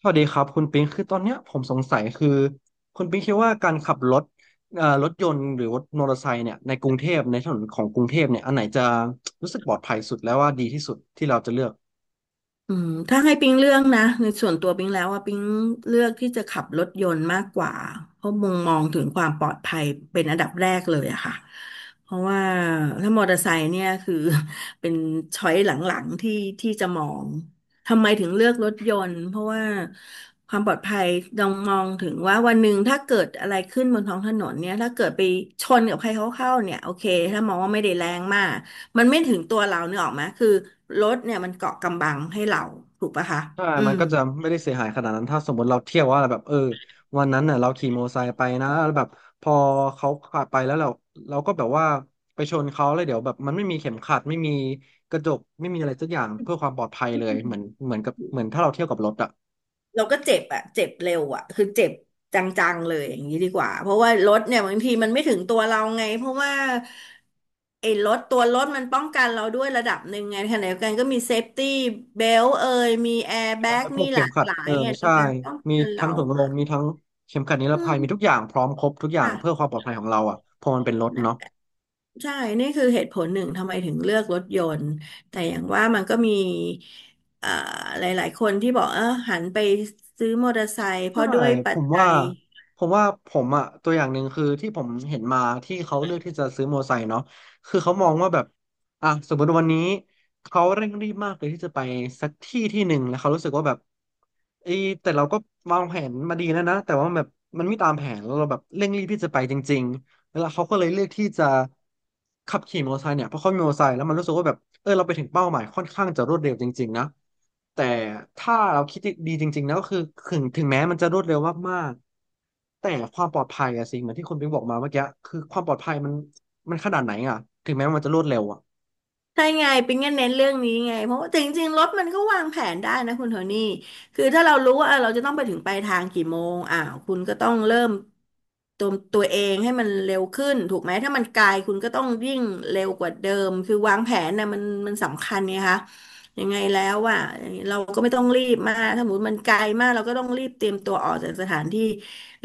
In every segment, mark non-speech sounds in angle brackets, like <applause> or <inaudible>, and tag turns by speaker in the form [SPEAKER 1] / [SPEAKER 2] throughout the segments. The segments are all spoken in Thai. [SPEAKER 1] สวัสดีครับคุณปิงคือตอนเนี้ยผมสงสัยคือคุณปิงคิดว่าการขับรถรถยนต์หรือรถมอเตอร์ไซค์เนี่ยในกรุงเทพในถนนของกรุงเทพเนี่ยอันไหนจะรู้สึกปลอดภัยสุดแล้วว่าดีที่สุดที่เราจะเลือก
[SPEAKER 2] ถ้าให้ปิ๊งเลือกนะในส่วนตัวปิ๊งแล้วว่าปิ๊งเลือกที่จะขับรถยนต์มากกว่าเพราะมุมมองถึงความปลอดภัยเป็นอันดับแรกเลยอะค่ะเพราะว่าถ้ามอเตอร์ไซค์เนี่ยคือ <laughs> เป็นช้อยหลังๆที่จะมองทำไมถึงเลือกรถยนต์เพราะว่าความปลอดภัยต้องมองถึงว่าวันหนึ่งถ้าเกิดอะไรขึ้นบนท้องถนนเนี่ยถ้าเกิดไปชนกับใครเขาเข้าเนี่ยโอเคถ้ามองว่าไม่ได้แรงมาก มันไม่ถึงตัวเราเนกออกไหมคือรถเนี่ยมันเกาะกำบังให้เราถูกปะคะ
[SPEAKER 1] ใช่
[SPEAKER 2] อื
[SPEAKER 1] มัน
[SPEAKER 2] ม
[SPEAKER 1] ก็จะไม่ได้เสียหายขนาดนั้นถ้าสมมติเราเที่ยวว่าแบบเออวันนั้นน่ะเราขี่มอเตอร์ไซค์ไปนะแล้วแบบพอเขาขับไปแล้วเราก็แบบว่าไปชนเขาแล้วเดี๋ยวแบบมันไม่มีเข็มขัดไม่มีกระจกไม่มีอะไรสักอย่างเพื่อความปลอดภัย
[SPEAKER 2] อื
[SPEAKER 1] เลย
[SPEAKER 2] ม
[SPEAKER 1] เหมือนถ้าเราเที่ยวกับรถอะ
[SPEAKER 2] เราก็เจ็บอะเจ็บเร็วอะคือเจ็บจังๆเลยอย่างนี้ดีกว่า เพราะว่ารถเนี่ยบางทีมันไม่ถึงตัวเราไง เพราะว่าไอ้รถตัวรถมันป้องกันเราด้วยระดับหนึ่งไงขณะเดียวกันก็มีเซฟตี้เบลเอยมีแอร์แบ็ก
[SPEAKER 1] แล้วพ
[SPEAKER 2] มี
[SPEAKER 1] วก
[SPEAKER 2] ห
[SPEAKER 1] เข็
[SPEAKER 2] ลา
[SPEAKER 1] ม
[SPEAKER 2] ก
[SPEAKER 1] ขัด
[SPEAKER 2] หลาย
[SPEAKER 1] เออ
[SPEAKER 2] ไงใน
[SPEAKER 1] ใช่
[SPEAKER 2] การป้อง
[SPEAKER 1] มี
[SPEAKER 2] กันเรา
[SPEAKER 1] ทั้งถุง
[SPEAKER 2] อ
[SPEAKER 1] ลมมีทั้งเข็มขัดนิร
[SPEAKER 2] ื
[SPEAKER 1] ภัยมีทุ
[SPEAKER 2] ม
[SPEAKER 1] กอย่างพร้อมครบทุกอย่างเพื่อ
[SPEAKER 2] ค่ะ
[SPEAKER 1] ความปลอดภัยของเราอ่ะเพอมันเป็นรถเนาะ
[SPEAKER 2] ใช่ นี่คือเหตุผลหนึ่งทำไมถึงเลือกรถยนต์ แต่อย่างว่ามันก็มีเอ่อหลายๆคนที่บอกเออหันไปซื้อมอเตอร์ไซค์เพ
[SPEAKER 1] ใช่
[SPEAKER 2] ราะด้วยปั
[SPEAKER 1] ผ
[SPEAKER 2] จ
[SPEAKER 1] ม
[SPEAKER 2] จั
[SPEAKER 1] ว่า
[SPEAKER 2] ย
[SPEAKER 1] ผมว่าผมอ่ะตัวอย่างหนึ่งคือที่ผมเห็นมาที่เขาเลือกที่จะซื้อมอเตอร์ไซค์เนาะคือเขามองว่าแบบอ่ะสมมติวันนี้เขาเร่งรีบมากเลยที่จะไปสักที่ที่หนึ่งแล้วเขารู้สึกว่าแบบเอยแต่เราก็วางแผนมาดีแล้วนะแต่ว่าแบบมันไม่ตามแผนแล้วเราแบบเร่งรีบที่จะไปจริง แล้วเขาก็เลยเลือกที่จะขับขี่มอเตอร์ไซค์เนี่ยเพราะเขามีมอเตอร์ไซค์แล้วมันรู้สึกว่าแบบเออเราไปถึงเป้าหมายค่อนข้างจะรวดเร็วจริงๆนะแต่ถ้าเราคิดดีจริงๆนะก็คือถึงแม้มันจะรวดเร็วมากๆแต่ความปลอดภัยอะสิเหมือนที่คุณปิ๊งบอกมาเมื่อกี้คือความปลอดภัยมันขนาดไหนอะถึงแม้มันจะรวดเร็วอะ
[SPEAKER 2] ใช่ไงปิ๊งก็เน้นเรื่องนี้ไงเพราะว่าแต่จริงๆรถมันก็วางแผนได้นะคุณโทนี่คือถ้าเรารู้ว่าเออเราจะต้องไปถึงปลายทางกี่โมงอ่าวคุณก็ต้องเริ่มตัวเองให้มันเร็วขึ้นถูกไหมถ้ามันไกลคุณก็ต้องยิ่งเร็วกว่าเดิมคือวางแผนนะมันสำคัญไงคะยังไงแล้วอ่ะเราก็ไม่ต้องรีบมากถ้าสมมติมันไกลมากเราก็ต้องรีบเตรียมตัวออกจากสถานที่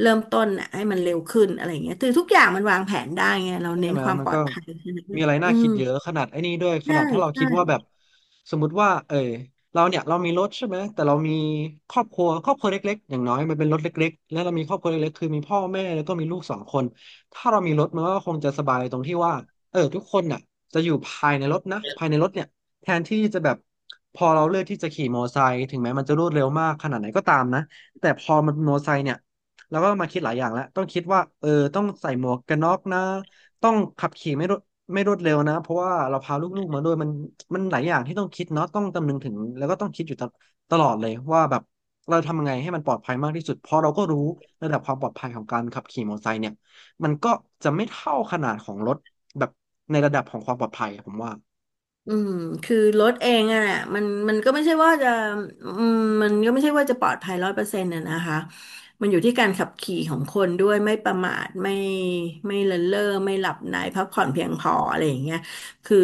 [SPEAKER 2] เริ่มต้นน่ะให้มันเร็วขึ้นอะไรอย่างเงี้ยคือทุกอย่างมันวางแผนได้ไงเรา
[SPEAKER 1] ใช่
[SPEAKER 2] เน้น
[SPEAKER 1] ไหม
[SPEAKER 2] ความ
[SPEAKER 1] มั
[SPEAKER 2] ป
[SPEAKER 1] น
[SPEAKER 2] ลอ
[SPEAKER 1] ก็
[SPEAKER 2] ดภัย
[SPEAKER 1] มีอะไร
[SPEAKER 2] อื
[SPEAKER 1] น่า
[SPEAKER 2] ม
[SPEAKER 1] คิดเยอะขนาดไอ้นี่ด้วยข
[SPEAKER 2] ใช่
[SPEAKER 1] นาดถ้าเรา
[SPEAKER 2] ใช่
[SPEAKER 1] คิดว่าแบบสมมติว่าเออเราเนี่ยเรามีรถใช่ไหมแต่เรามีครอบครัวเล็กๆอย่างน้อยมันเป็นรถเล็กๆและเรามีครอบครัวเล็กๆคือมีพ่อแม่แล้วก็มีลูกสองคนถ้าเรามีรถมันก็คงจะสบายตรงที่ว่าเออทุกคนน่ะจะอยู่ภายในรถนะภายในรถเนี่ยแทนที่จะแบบพอเราเลือกที่จะขี่มอเตอร์ไซค์ถึงแม้มันจะรวดเร็วมากขนาดไหนก็ตามนะแต่พอมันเป็นมอเตอร์ไซค์เนี่ยแล้วก็มาคิดหลายอย่างแล้วต้องคิดว่าเออต้องใส่หมวกกันน็อกนะ ต้องขับขี่ไม่รวดเร็วนะเพราะว่าเราพาลูกๆมาด้วยมันหลายอย่างที่ต้องคิดเนาะต้องคำนึงถึงแล้วก็ต้องคิดอยู่ตลอดเลยว่าแบบเราทำยังไงให้มันปลอดภัยมากที่สุดเพราะเราก็รู้ระดับความปลอดภัยของการขับขี่มอเตอร์ไซค์เนี่ยมันก็จะไม่เท่าขนาดของรถแบบในระดับของความปลอดภัยอะผมว่า
[SPEAKER 2] อืมคือรถเองอะแหละมันมันก็ไม่ใช่ว่าจะอืมมันก็ไม่ใช่ว่าจะปลอดภัยร้อยเปอร์เซ็นต์ะนะคะมันอยู่ที่การขับขี่ของคนด้วยไม่ประมาทไม่เลินเล่อไม่หลับในพักผ่อนเพียงพออะไรอย่างเงี้ยคือ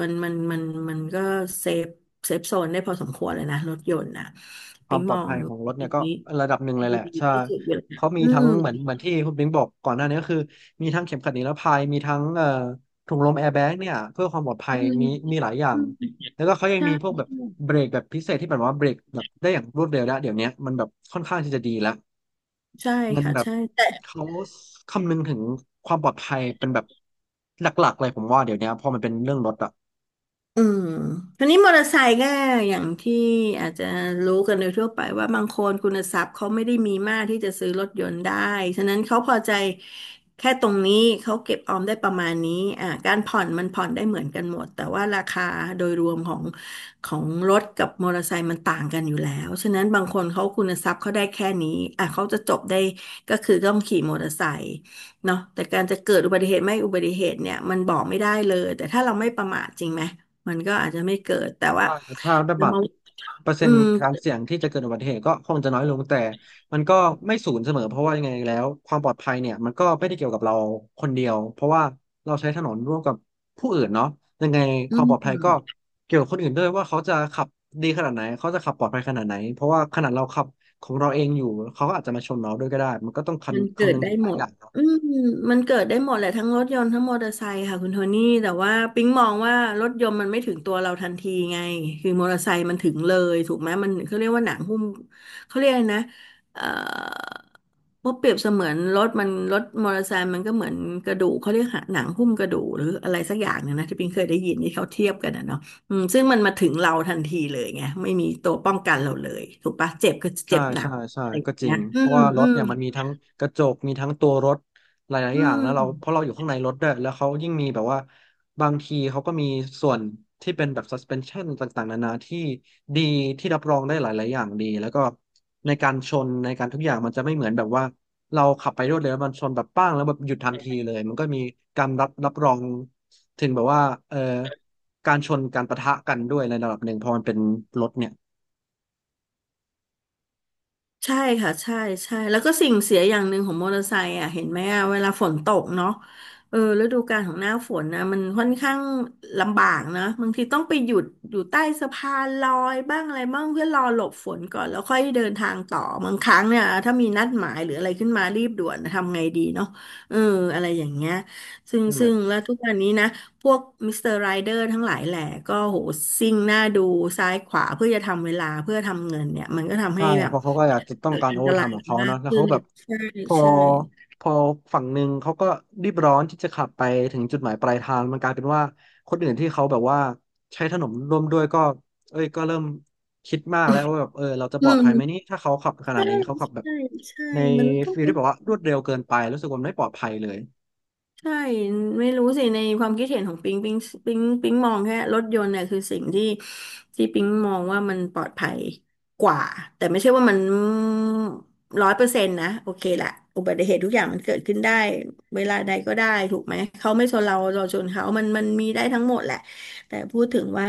[SPEAKER 2] มันมันมันมันก็เซฟเซฟโซนได้พอสมควรเลยนะรถยนต์นะ
[SPEAKER 1] ควา
[SPEAKER 2] ปิ๊
[SPEAKER 1] ม
[SPEAKER 2] ง
[SPEAKER 1] ปล
[SPEAKER 2] ม
[SPEAKER 1] อด
[SPEAKER 2] อง
[SPEAKER 1] ภัยของรถ
[SPEAKER 2] ด
[SPEAKER 1] เนี่ยก็
[SPEAKER 2] ี
[SPEAKER 1] ระดับหนึ่งเลยแห
[SPEAKER 2] ดี
[SPEAKER 1] ละใช่
[SPEAKER 2] ที่สุดอยู่แล้ว
[SPEAKER 1] เขามี
[SPEAKER 2] อื
[SPEAKER 1] ทั้ง
[SPEAKER 2] ม
[SPEAKER 1] เหมือนที่คุณบิงบอกก่อนหน้านี้ก็คือมีทั้งเข็มขัดนิรภัยมีทั้งถุงลมแอร์แบ็กเนี่ยเพื่อความปลอดภั
[SPEAKER 2] อื
[SPEAKER 1] ย
[SPEAKER 2] ม
[SPEAKER 1] มีหลายอย่า
[SPEAKER 2] อื
[SPEAKER 1] ง
[SPEAKER 2] ม
[SPEAKER 1] แล้วก็เขายัง
[SPEAKER 2] ใช่
[SPEAKER 1] มีพวกแบบ
[SPEAKER 2] ใช่
[SPEAKER 1] เบรกแบบพิเศษที่แบบว่าเบรกแบบได้อย่างรวดเร็วแล้วเดี๋ยวนี้มันแบบค่อนข้างที่จะดีแล้ว
[SPEAKER 2] ใช่
[SPEAKER 1] มัน
[SPEAKER 2] ค่ะ
[SPEAKER 1] แบบ
[SPEAKER 2] ใช่แต่
[SPEAKER 1] เขาคำนึงถึงความปลอดภัยเป็นแบบหลักๆเลยผมว่าเดี๋ยวนี้ยพอมันเป็นเรื่องรถอะ
[SPEAKER 2] อืมทีนี้มอเตอร์ไซค์ก็อย่างที่อาจจะรู้กันโดยทั่วไปว่าบางคนคุณทรัพย์เขาไม่ได้มีมากที่จะซื้อรถยนต์ได้ฉะนั้นเขาพอใจแค่ตรงนี้เขาเก็บออมได้ประมาณนี้อ่าการผ่อนมันผ่อนได้เหมือนกันหมดแต่ว่าราคาโดยรวมของรถกับมอเตอร์ไซค์มันต่างกันอยู่แล้ว ฉะนั้นบางคนเขาคุณทรัพย์เขาได้แค่นี้อ่าเขาจะจบได้ก็คือต้องขี่มอเตอร์ไซค์เนาะแต่การจะเกิดอุบัติเหตุไม่อุบัติเหตุเนี่ยมันบอกไม่ได้เลยแต่ถ้าเราไม่ประมาทจริงไหม มันก็อาจจะไม่เกิดแต่ว่า
[SPEAKER 1] ใช่ถ้าได้
[SPEAKER 2] เรา
[SPEAKER 1] บั
[SPEAKER 2] ม
[SPEAKER 1] ต
[SPEAKER 2] อ
[SPEAKER 1] ร
[SPEAKER 2] ง
[SPEAKER 1] เปอร์เซ็
[SPEAKER 2] อื
[SPEAKER 1] นต์
[SPEAKER 2] ม
[SPEAKER 1] การเสี่ยงที่จะเกิดอุบัติเหตุก็คงจะน้อยลงแต่มันก็ไม่ศูนย์เสมอเพราะว่ายังไงแล้วความปลอดภัยเนี่ยมันก็ไม่ได้เกี่ยวกับเราคนเดียวเพราะว่าเราใช้ถนนร่วมกับผู้อื่นเนาะยังไง
[SPEAKER 2] อื
[SPEAKER 1] ความ
[SPEAKER 2] ม
[SPEAKER 1] ปลอดภัยก็เกี่ยวกับคนอื่นด้วยว่าเขาจะขับดีขนาดไหนเขาจะขับปลอดภัยขนาดไหนเพราะว่าขนาดเราขับของเราเองอยู่เขาก็อาจจะมาชนเราด้วยก็ได้มันก็ต้อง
[SPEAKER 2] มัน
[SPEAKER 1] คำ
[SPEAKER 2] เกิ
[SPEAKER 1] คำ
[SPEAKER 2] ด
[SPEAKER 1] นึง
[SPEAKER 2] ได้
[SPEAKER 1] ถึงห
[SPEAKER 2] ห
[SPEAKER 1] ลา
[SPEAKER 2] ม
[SPEAKER 1] ยอ
[SPEAKER 2] ด
[SPEAKER 1] ย่าง
[SPEAKER 2] อืมมันเกิดได้หมดแหละทั้งรถยนต์ทั้งมอเตอร์ไซค์ค่ะคุณโทนี่แต่ว่าปิ๊งมองว่ารถยนต์มันไม่ถึงตัวเราทันทีไงคือมอเตอร์ไซค์มันถึงเลยถูกไหมมันเขาเรียกว่าหนังหุ้มเขาเรียกอะไรนะเอ่อเพราะเปรียบเสมือนรถมอเตอร์ไซค์มันก็เหมือนกระดูกเขาเรียกหนังหุ้มกระดูกหรืออะไรสักอย่างหนึงนะที่ปิ๊งเคยได้ยินที่เขาเทียบกันนะเนาะอืมซึ่งมันมาถึงเราทันทีเลยไงไม่มีตัวป้องกันเราเลยถูกปะเจ็บก็เจ็
[SPEAKER 1] ใช่
[SPEAKER 2] บหนัก
[SPEAKER 1] ใช่ใช่
[SPEAKER 2] อะไรอ
[SPEAKER 1] ก็
[SPEAKER 2] ย่าง
[SPEAKER 1] จ
[SPEAKER 2] เงี้
[SPEAKER 1] ริ
[SPEAKER 2] ย
[SPEAKER 1] ง
[SPEAKER 2] อื
[SPEAKER 1] เพราะ
[SPEAKER 2] ม
[SPEAKER 1] ว่าร
[SPEAKER 2] อื
[SPEAKER 1] ถ
[SPEAKER 2] ม
[SPEAKER 1] เนี่ยมันมีทั้งกระจกมีทั้งตัวรถหลาย
[SPEAKER 2] อื
[SPEAKER 1] ๆอย่างแล้วเราเพ
[SPEAKER 2] ม
[SPEAKER 1] ราะเราอยู่ข้างในรถด้วยแล้วเขายิ่งมีแบบว่าบางทีเขาก็มีส่วนที่เป็นแบบ suspension ต่างๆนานาที่ดีที่รับรองได้หลายๆอย่างดีแล้วก็ในการชนในการทุกอย่างมันจะไม่เหมือนแบบว่าเราขับไปรวดเร็วแล้วมันชนแบบป้างแล้วแบบหยุดทันทีเลยมันก็มีการรับรองถึงแบบว่าเอ่อการชนการปะทะกันด้วยในระดับหนึ่งเพอมันเป็นรถเนี่ย
[SPEAKER 2] ใช่ค่ะใช่ใช่แล้วก็สิ่งเสียอย่างหนึ่งของมอเตอร์ไซค์อ่ะเห็นไหมอ่ะเวลาฝนตกเนาะเออฤดูกาลของหน้าฝนนะมันค่อนข้างลำบากนะบางทีต้องไปหยุดอยู่ใต้สะพานลอยบ้างอะไรบ้างเพื่อรอหลบฝนก่อนแล้วค่อยเดินทางต่อบางครั้งเนี่ยถ้ามีนัดหมายหรืออะไรขึ้นมารีบด่วนนะทำไงดีเนาะเอออะไรอย่างเงี้ยซึ่งแล้วทุกวันนี้นะพวกมิสเตอร์ไรเดอร์ทั้งหลายแหล่ก็โหซิ่งหน้าดูซ้ายขวาเพื่อจะทำเวลาเพื่อทำเงินเนี่ยมันก็ทำ
[SPEAKER 1] ใช่
[SPEAKER 2] ให้แบ
[SPEAKER 1] เพ
[SPEAKER 2] บ
[SPEAKER 1] ราะเขาก็อยากจะต้องการ
[SPEAKER 2] อั
[SPEAKER 1] โอ
[SPEAKER 2] นต
[SPEAKER 1] เวอร์ไท
[SPEAKER 2] ราย
[SPEAKER 1] ม์ของเขา
[SPEAKER 2] มา
[SPEAKER 1] เน
[SPEAKER 2] ก
[SPEAKER 1] อะแล้ว
[SPEAKER 2] ขึ้
[SPEAKER 1] เขา
[SPEAKER 2] น
[SPEAKER 1] แบบ
[SPEAKER 2] ใช่
[SPEAKER 1] พอ
[SPEAKER 2] ใช่
[SPEAKER 1] พอฝั่งหนึ่งเขาก็รีบร้อนที่จะขับไปถึงจุดหมายปลายทางมันกลายเป็นว่าคนอื่นที่เขาแบบว่าใช้ถนนร่วมด้วยก็เอ้ยก็เริ่มคิดมากแล้วว่าแบบเออเราจะ
[SPEAKER 2] อื
[SPEAKER 1] ปลอดภัยไหมนี่
[SPEAKER 2] ม
[SPEAKER 1] ถ้าเขาขับขนา
[SPEAKER 2] ใช่
[SPEAKER 1] ดนี้เขาขับแบบ
[SPEAKER 2] ใช่ใช่
[SPEAKER 1] ใน
[SPEAKER 2] มันต้อง
[SPEAKER 1] ฟีลที่แบบว่ารวดเร็วเกินไปรู้สึกว่ามันไม่ปลอดภัยเลย
[SPEAKER 2] ใช่ไม่รู้สิในความคิดเห็นของปิงปิงปิงปิงมองแค่รถยนต์เนี่ยคือสิ่งที่ปิงมองว่ามันปลอดภัยกว่าแต่ไม่ใช่ว่ามัน100%นะโอเคแหละอุบัติเหตุทุกอย่างมันเกิดขึ้นได้เวลาใดก็ได้ถูกไหมเขาไม่ชนเราเราชนเขามันมีได้ทั้งหมดแหละแต่พูดถึงว่า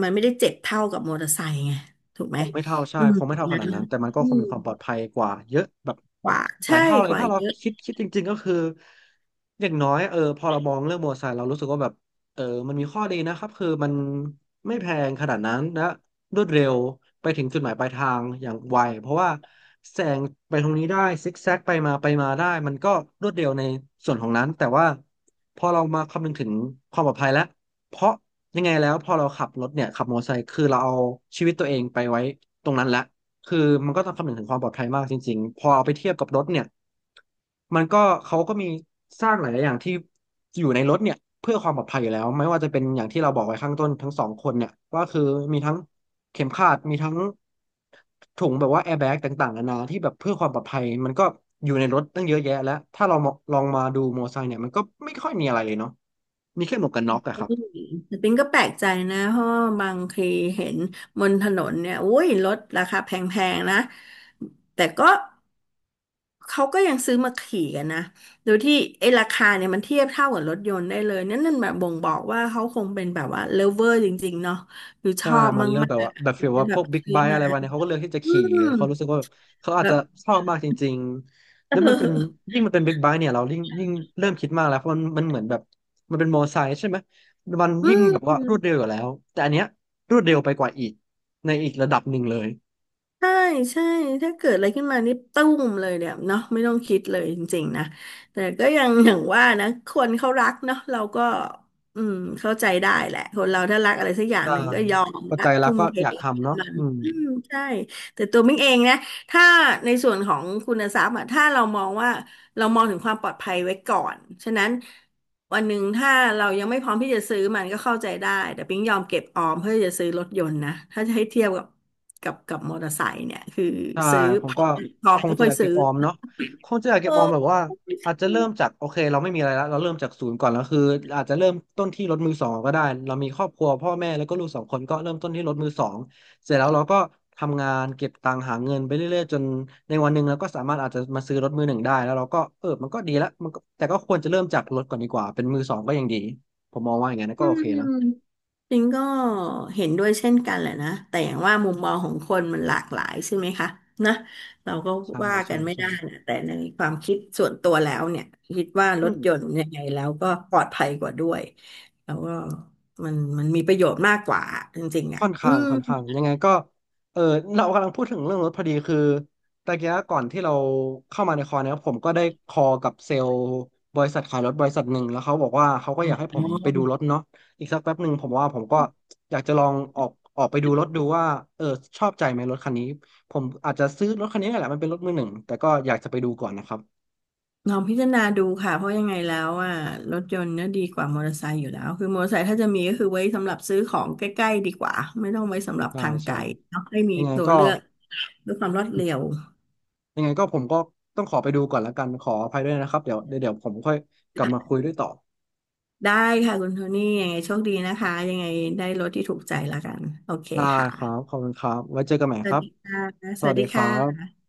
[SPEAKER 2] มันไม่ได้เจ็บเท่ากับมอเตอร์ไซค์ไงถูกไหม
[SPEAKER 1] งไม่เท่าใช่
[SPEAKER 2] อืม
[SPEAKER 1] คงไม่เท่าข
[SPEAKER 2] นะ
[SPEAKER 1] นาดนั้น แต่มันก็
[SPEAKER 2] อื
[SPEAKER 1] คง
[SPEAKER 2] ม
[SPEAKER 1] มีความปลอดภัยกว่าเยอะแบบ
[SPEAKER 2] กว่า
[SPEAKER 1] หลาย
[SPEAKER 2] ใช่
[SPEAKER 1] เท่าเล
[SPEAKER 2] ก
[SPEAKER 1] ย
[SPEAKER 2] ว่า
[SPEAKER 1] ถ้าเรา
[SPEAKER 2] เยอะ
[SPEAKER 1] คิดจริงๆก็คืออย่างน้อยเออพอเรามองเรื่องมอเตอร์ไซค์เรารู้สึกว่าแบบเออมันมีข้อดีนะครับคือมันไม่แพงขนาดนั้นและรวดเร็วไปถึงจุดหมายปลายทางอย่างไวเพราะว่าแซงไปตรงนี้ได้ซิกแซกไปมาไปมาได้มันก็รวดเร็วในส่วนของนั้นแต่ว่าพอเรามาคำนึงถึงความปลอดภัยแล้ว เพราะยังไงแล้วพอเราขับรถเนี่ยขับมอเตอร์ไซค์คือเราเอาชีวิตตัวเองไปไว้ตรงนั้นละคือมันก็ต้องคำนึงถึงความปลอดภัยมากจริงๆพอเอาไปเทียบกับรถเนี่ยมันก็เขาก็มีสร้างหลายๆอย่างที่อยู่ในรถเนี่ยเพื่อความปลอดภัยอยู่แล้วไม่ว่าจะเป็นอย่างที่เราบอกไว้ข้างต้นทั้งสองคนเนี่ยว่าคือมีทั้งเข็มขัดมีทั้งถุงแบบว่าแอร์แบ็กต่างๆนานาที่แบบเพื่อความปลอดภัยมันก็อยู่ในรถตั้งเยอะแยะแล้วถ้าเรามองลองมาดูมอเตอร์ไซค์เนี่ยมันก็ไม่ค่อยมีอะไรเลยเนาะมีแค่หมวกกันน็อกอะ
[SPEAKER 2] อื
[SPEAKER 1] ครับ
[SPEAKER 2] มแต่ปิงก็แปลกใจนะเพราะว่าบางทีเห็นบนถนนเนี่ยอุ้ยรถราคาแพงๆนะแต่ก็เขาก็ยังซื้อมาขี่กันนะโดยที่ไอ้ราคาเนี่ยมันเทียบเท่ากับรถยนต์ได้เลยนั่นแบบบ่งบอกว่าเขาคงเป็นแบบว่าเลิฟเวอร์จริงๆเนาะหรือช
[SPEAKER 1] ใช่
[SPEAKER 2] อบ
[SPEAKER 1] มันเลือก
[SPEAKER 2] มา
[SPEAKER 1] แบบ
[SPEAKER 2] ก
[SPEAKER 1] ว่าแบบ
[SPEAKER 2] ๆถึ
[SPEAKER 1] ฟี
[SPEAKER 2] ง
[SPEAKER 1] ล
[SPEAKER 2] จะ
[SPEAKER 1] ว่า
[SPEAKER 2] แบ
[SPEAKER 1] พ
[SPEAKER 2] บ
[SPEAKER 1] วกบิ๊ก
[SPEAKER 2] ซื้อ
[SPEAKER 1] ไบค์
[SPEAKER 2] มา
[SPEAKER 1] อะไรวะเนี่ยเขาก็เลือกที่จะ
[SPEAKER 2] อื
[SPEAKER 1] ขี่
[SPEAKER 2] ม
[SPEAKER 1] เขารู้สึกว่าเขาอาจจะ
[SPEAKER 2] แบบ
[SPEAKER 1] ชอบมากจริงๆแล้วมันเป็น
[SPEAKER 2] <laughs>
[SPEAKER 1] ยิ่งมันเป็นบิ๊กไบค์เนี่ยเรายิ่งเริ่มคิดมากแล้วเพราะมันเหมือนแบบมันเป็นมอเตอร์ไซค์ใช่ไหมมัน
[SPEAKER 2] เออ
[SPEAKER 1] ยิ่งแบบ
[SPEAKER 2] อื
[SPEAKER 1] ว่า
[SPEAKER 2] ม
[SPEAKER 1] รวดเร็วอยู่แล้วแต่อันเนี้ยรวดเร็วไปกว่าอีกในอีกระดับหนึ่งเลย
[SPEAKER 2] ใช่ใช่ถ้าเกิดอะไรขึ้นมานี่ตุ้มเลยเนี่ยเนาะไม่ต้องคิดเลยจริงๆนะแต่ก็ยังอย่างว่านะคนเขารักเนาะเราก็อืมเข้าใจได้แหละคนเราถ้ารักอะไรสักอย่าง
[SPEAKER 1] ใช่
[SPEAKER 2] หนึ่งก็ยอม
[SPEAKER 1] พอ
[SPEAKER 2] ละ
[SPEAKER 1] ใจแล้ว
[SPEAKER 2] ทุ่ม
[SPEAKER 1] ก็
[SPEAKER 2] เท
[SPEAKER 1] อยากทำเนาะ
[SPEAKER 2] มัน
[SPEAKER 1] อืม
[SPEAKER 2] อืมใช่แต่ตัวมิ้งเองนะถ้าในส่วนของคุณทรัพย์อะถ้าเรามองว่า เรามองถึงความปลอดภัยไว้ก่อน ฉะนั้นวันหนึ่งถ้าเรายังไม่พร้อมที่จะซื้อมันก็เข้าใจได้ แต่ปิ๊งยอมเก็บออมเพื่อจะซื้อรถยนต์นะ ถ้าจะให้เทียบกับกับมอเตอร์ไซค์เนี่ยคือ
[SPEAKER 1] ใช่
[SPEAKER 2] ซื้อ
[SPEAKER 1] ผ
[SPEAKER 2] พ
[SPEAKER 1] มก็
[SPEAKER 2] อ
[SPEAKER 1] คง
[SPEAKER 2] ไม่
[SPEAKER 1] จะ
[SPEAKER 2] ค่อ
[SPEAKER 1] อ
[SPEAKER 2] ย
[SPEAKER 1] ยาก
[SPEAKER 2] ซื้
[SPEAKER 1] เก็
[SPEAKER 2] อ
[SPEAKER 1] บออมเนาะคงจะอยาก
[SPEAKER 2] เอ
[SPEAKER 1] เก็บออม
[SPEAKER 2] อ
[SPEAKER 1] แบบว่าอาจจะเริ่มจากโอเคเราไม่มีอะไรแล้วเราเริ่มจากศูนย์ก่อนแล้วคืออาจจะเริ่มต้นที่รถมือสองก็ได้เรามีครอบครัวพ่อแม่แล้วก็ลูกสองคนก็เริ่มต้นที่รถมือสองเสร็จแล้วเราก็ทำงานเก็บตังค์หาเงินไปเรื่อยๆจนในวันหนึ่งเราก็สามารถอาจจะมาซื้อรถมือหนึ่งได้แล้วเราก็เออมันก็ดีละมันก็แต่ก็ควรจะเริ่มจากรถก่อนดีกว่าเป็นมือสองก็ยังดีผมมองว่าอย่างนั้นนะก็โอเคนะ
[SPEAKER 2] จริงก็เห็นด้วยเช่นกันแหละนะแต่อย่างว่ามุมมองของคนมันหลากหลายใช่ไหมคะนะเราก็
[SPEAKER 1] ใช่
[SPEAKER 2] ว่ากั
[SPEAKER 1] ใช่
[SPEAKER 2] นไม่
[SPEAKER 1] ใช
[SPEAKER 2] ได้นะแต่ในความคิดส่วนตัวแล้วเนี่ยคิดว่ารถยน
[SPEAKER 1] ่
[SPEAKER 2] ต์ยังไงแล้วก็ปลอดภัยกว่าด้วยแล้วก็มันมีประโยชน์มากกว่าจริงๆอ่ะ
[SPEAKER 1] ค่อน
[SPEAKER 2] อื
[SPEAKER 1] ข้าง
[SPEAKER 2] ม
[SPEAKER 1] ค่อนข้างยังไงก็เออเรากำลังพูดถึงเรื่องรถพอดีคือตะเกี้ก่อนที่เราเข้ามาในคอร์เนี่ยผมก็ได้คอกับเซลล์บริษัทขายรถบริษัทหนึ่งแล้วเขาบอกว่าเขาก็
[SPEAKER 2] อ๋
[SPEAKER 1] อยากให้ผมไปดูรถ
[SPEAKER 2] อ
[SPEAKER 1] เนาะอีกสักแป๊บหนึ่งผมว่าผมก็อยากจะลองออกไปดูรถดูว่าเออชอบใจไหมรถคันนี้ผมอาจจะซื้อรถคันนี้แหละมันเป็นรถมือหนึ่งแต่ก็อยากจะไปดูก่อนนะครับ
[SPEAKER 2] ลองพิจารณาดูค่ะเพราะยังไงแล้วอ่ะรถยนต์เนี่ยดีกว่ามอเตอร์ไซค์อยู่แล้วคือมอเตอร์ไซค์ถ้าจะมีก็คือไว้สำหรับซื้อของใกล้ๆดีกว่าไม่ต้องไว้สำหรับ
[SPEAKER 1] ใช่
[SPEAKER 2] ทางไก
[SPEAKER 1] ใช่
[SPEAKER 2] ลเนาะให้มี
[SPEAKER 1] ยังไง
[SPEAKER 2] ตัว
[SPEAKER 1] ก็
[SPEAKER 2] เลือกด้วยความรวดเร็ว
[SPEAKER 1] ยังไงก็ผมก็ต้องขอไปดูก่อนแล้วกันขออภัยด้วยนะครับเดี๋ยวผมค่อยกลับมาคุยด้วยต่อ
[SPEAKER 2] ได้ค่ะคุณโทนี่ยังไงโชคดีนะคะยังไงได้รถที่ถูกใจแล้วกันโอเค
[SPEAKER 1] ได้
[SPEAKER 2] ค่ะ
[SPEAKER 1] ครับขอบคุณครับไว้เจอกันใหม่
[SPEAKER 2] ส
[SPEAKER 1] ค
[SPEAKER 2] วัส
[SPEAKER 1] รับ
[SPEAKER 2] ดีค่ะ
[SPEAKER 1] ส
[SPEAKER 2] สวั
[SPEAKER 1] วัส
[SPEAKER 2] สดี
[SPEAKER 1] ดีค
[SPEAKER 2] ค่
[SPEAKER 1] รับ
[SPEAKER 2] ะ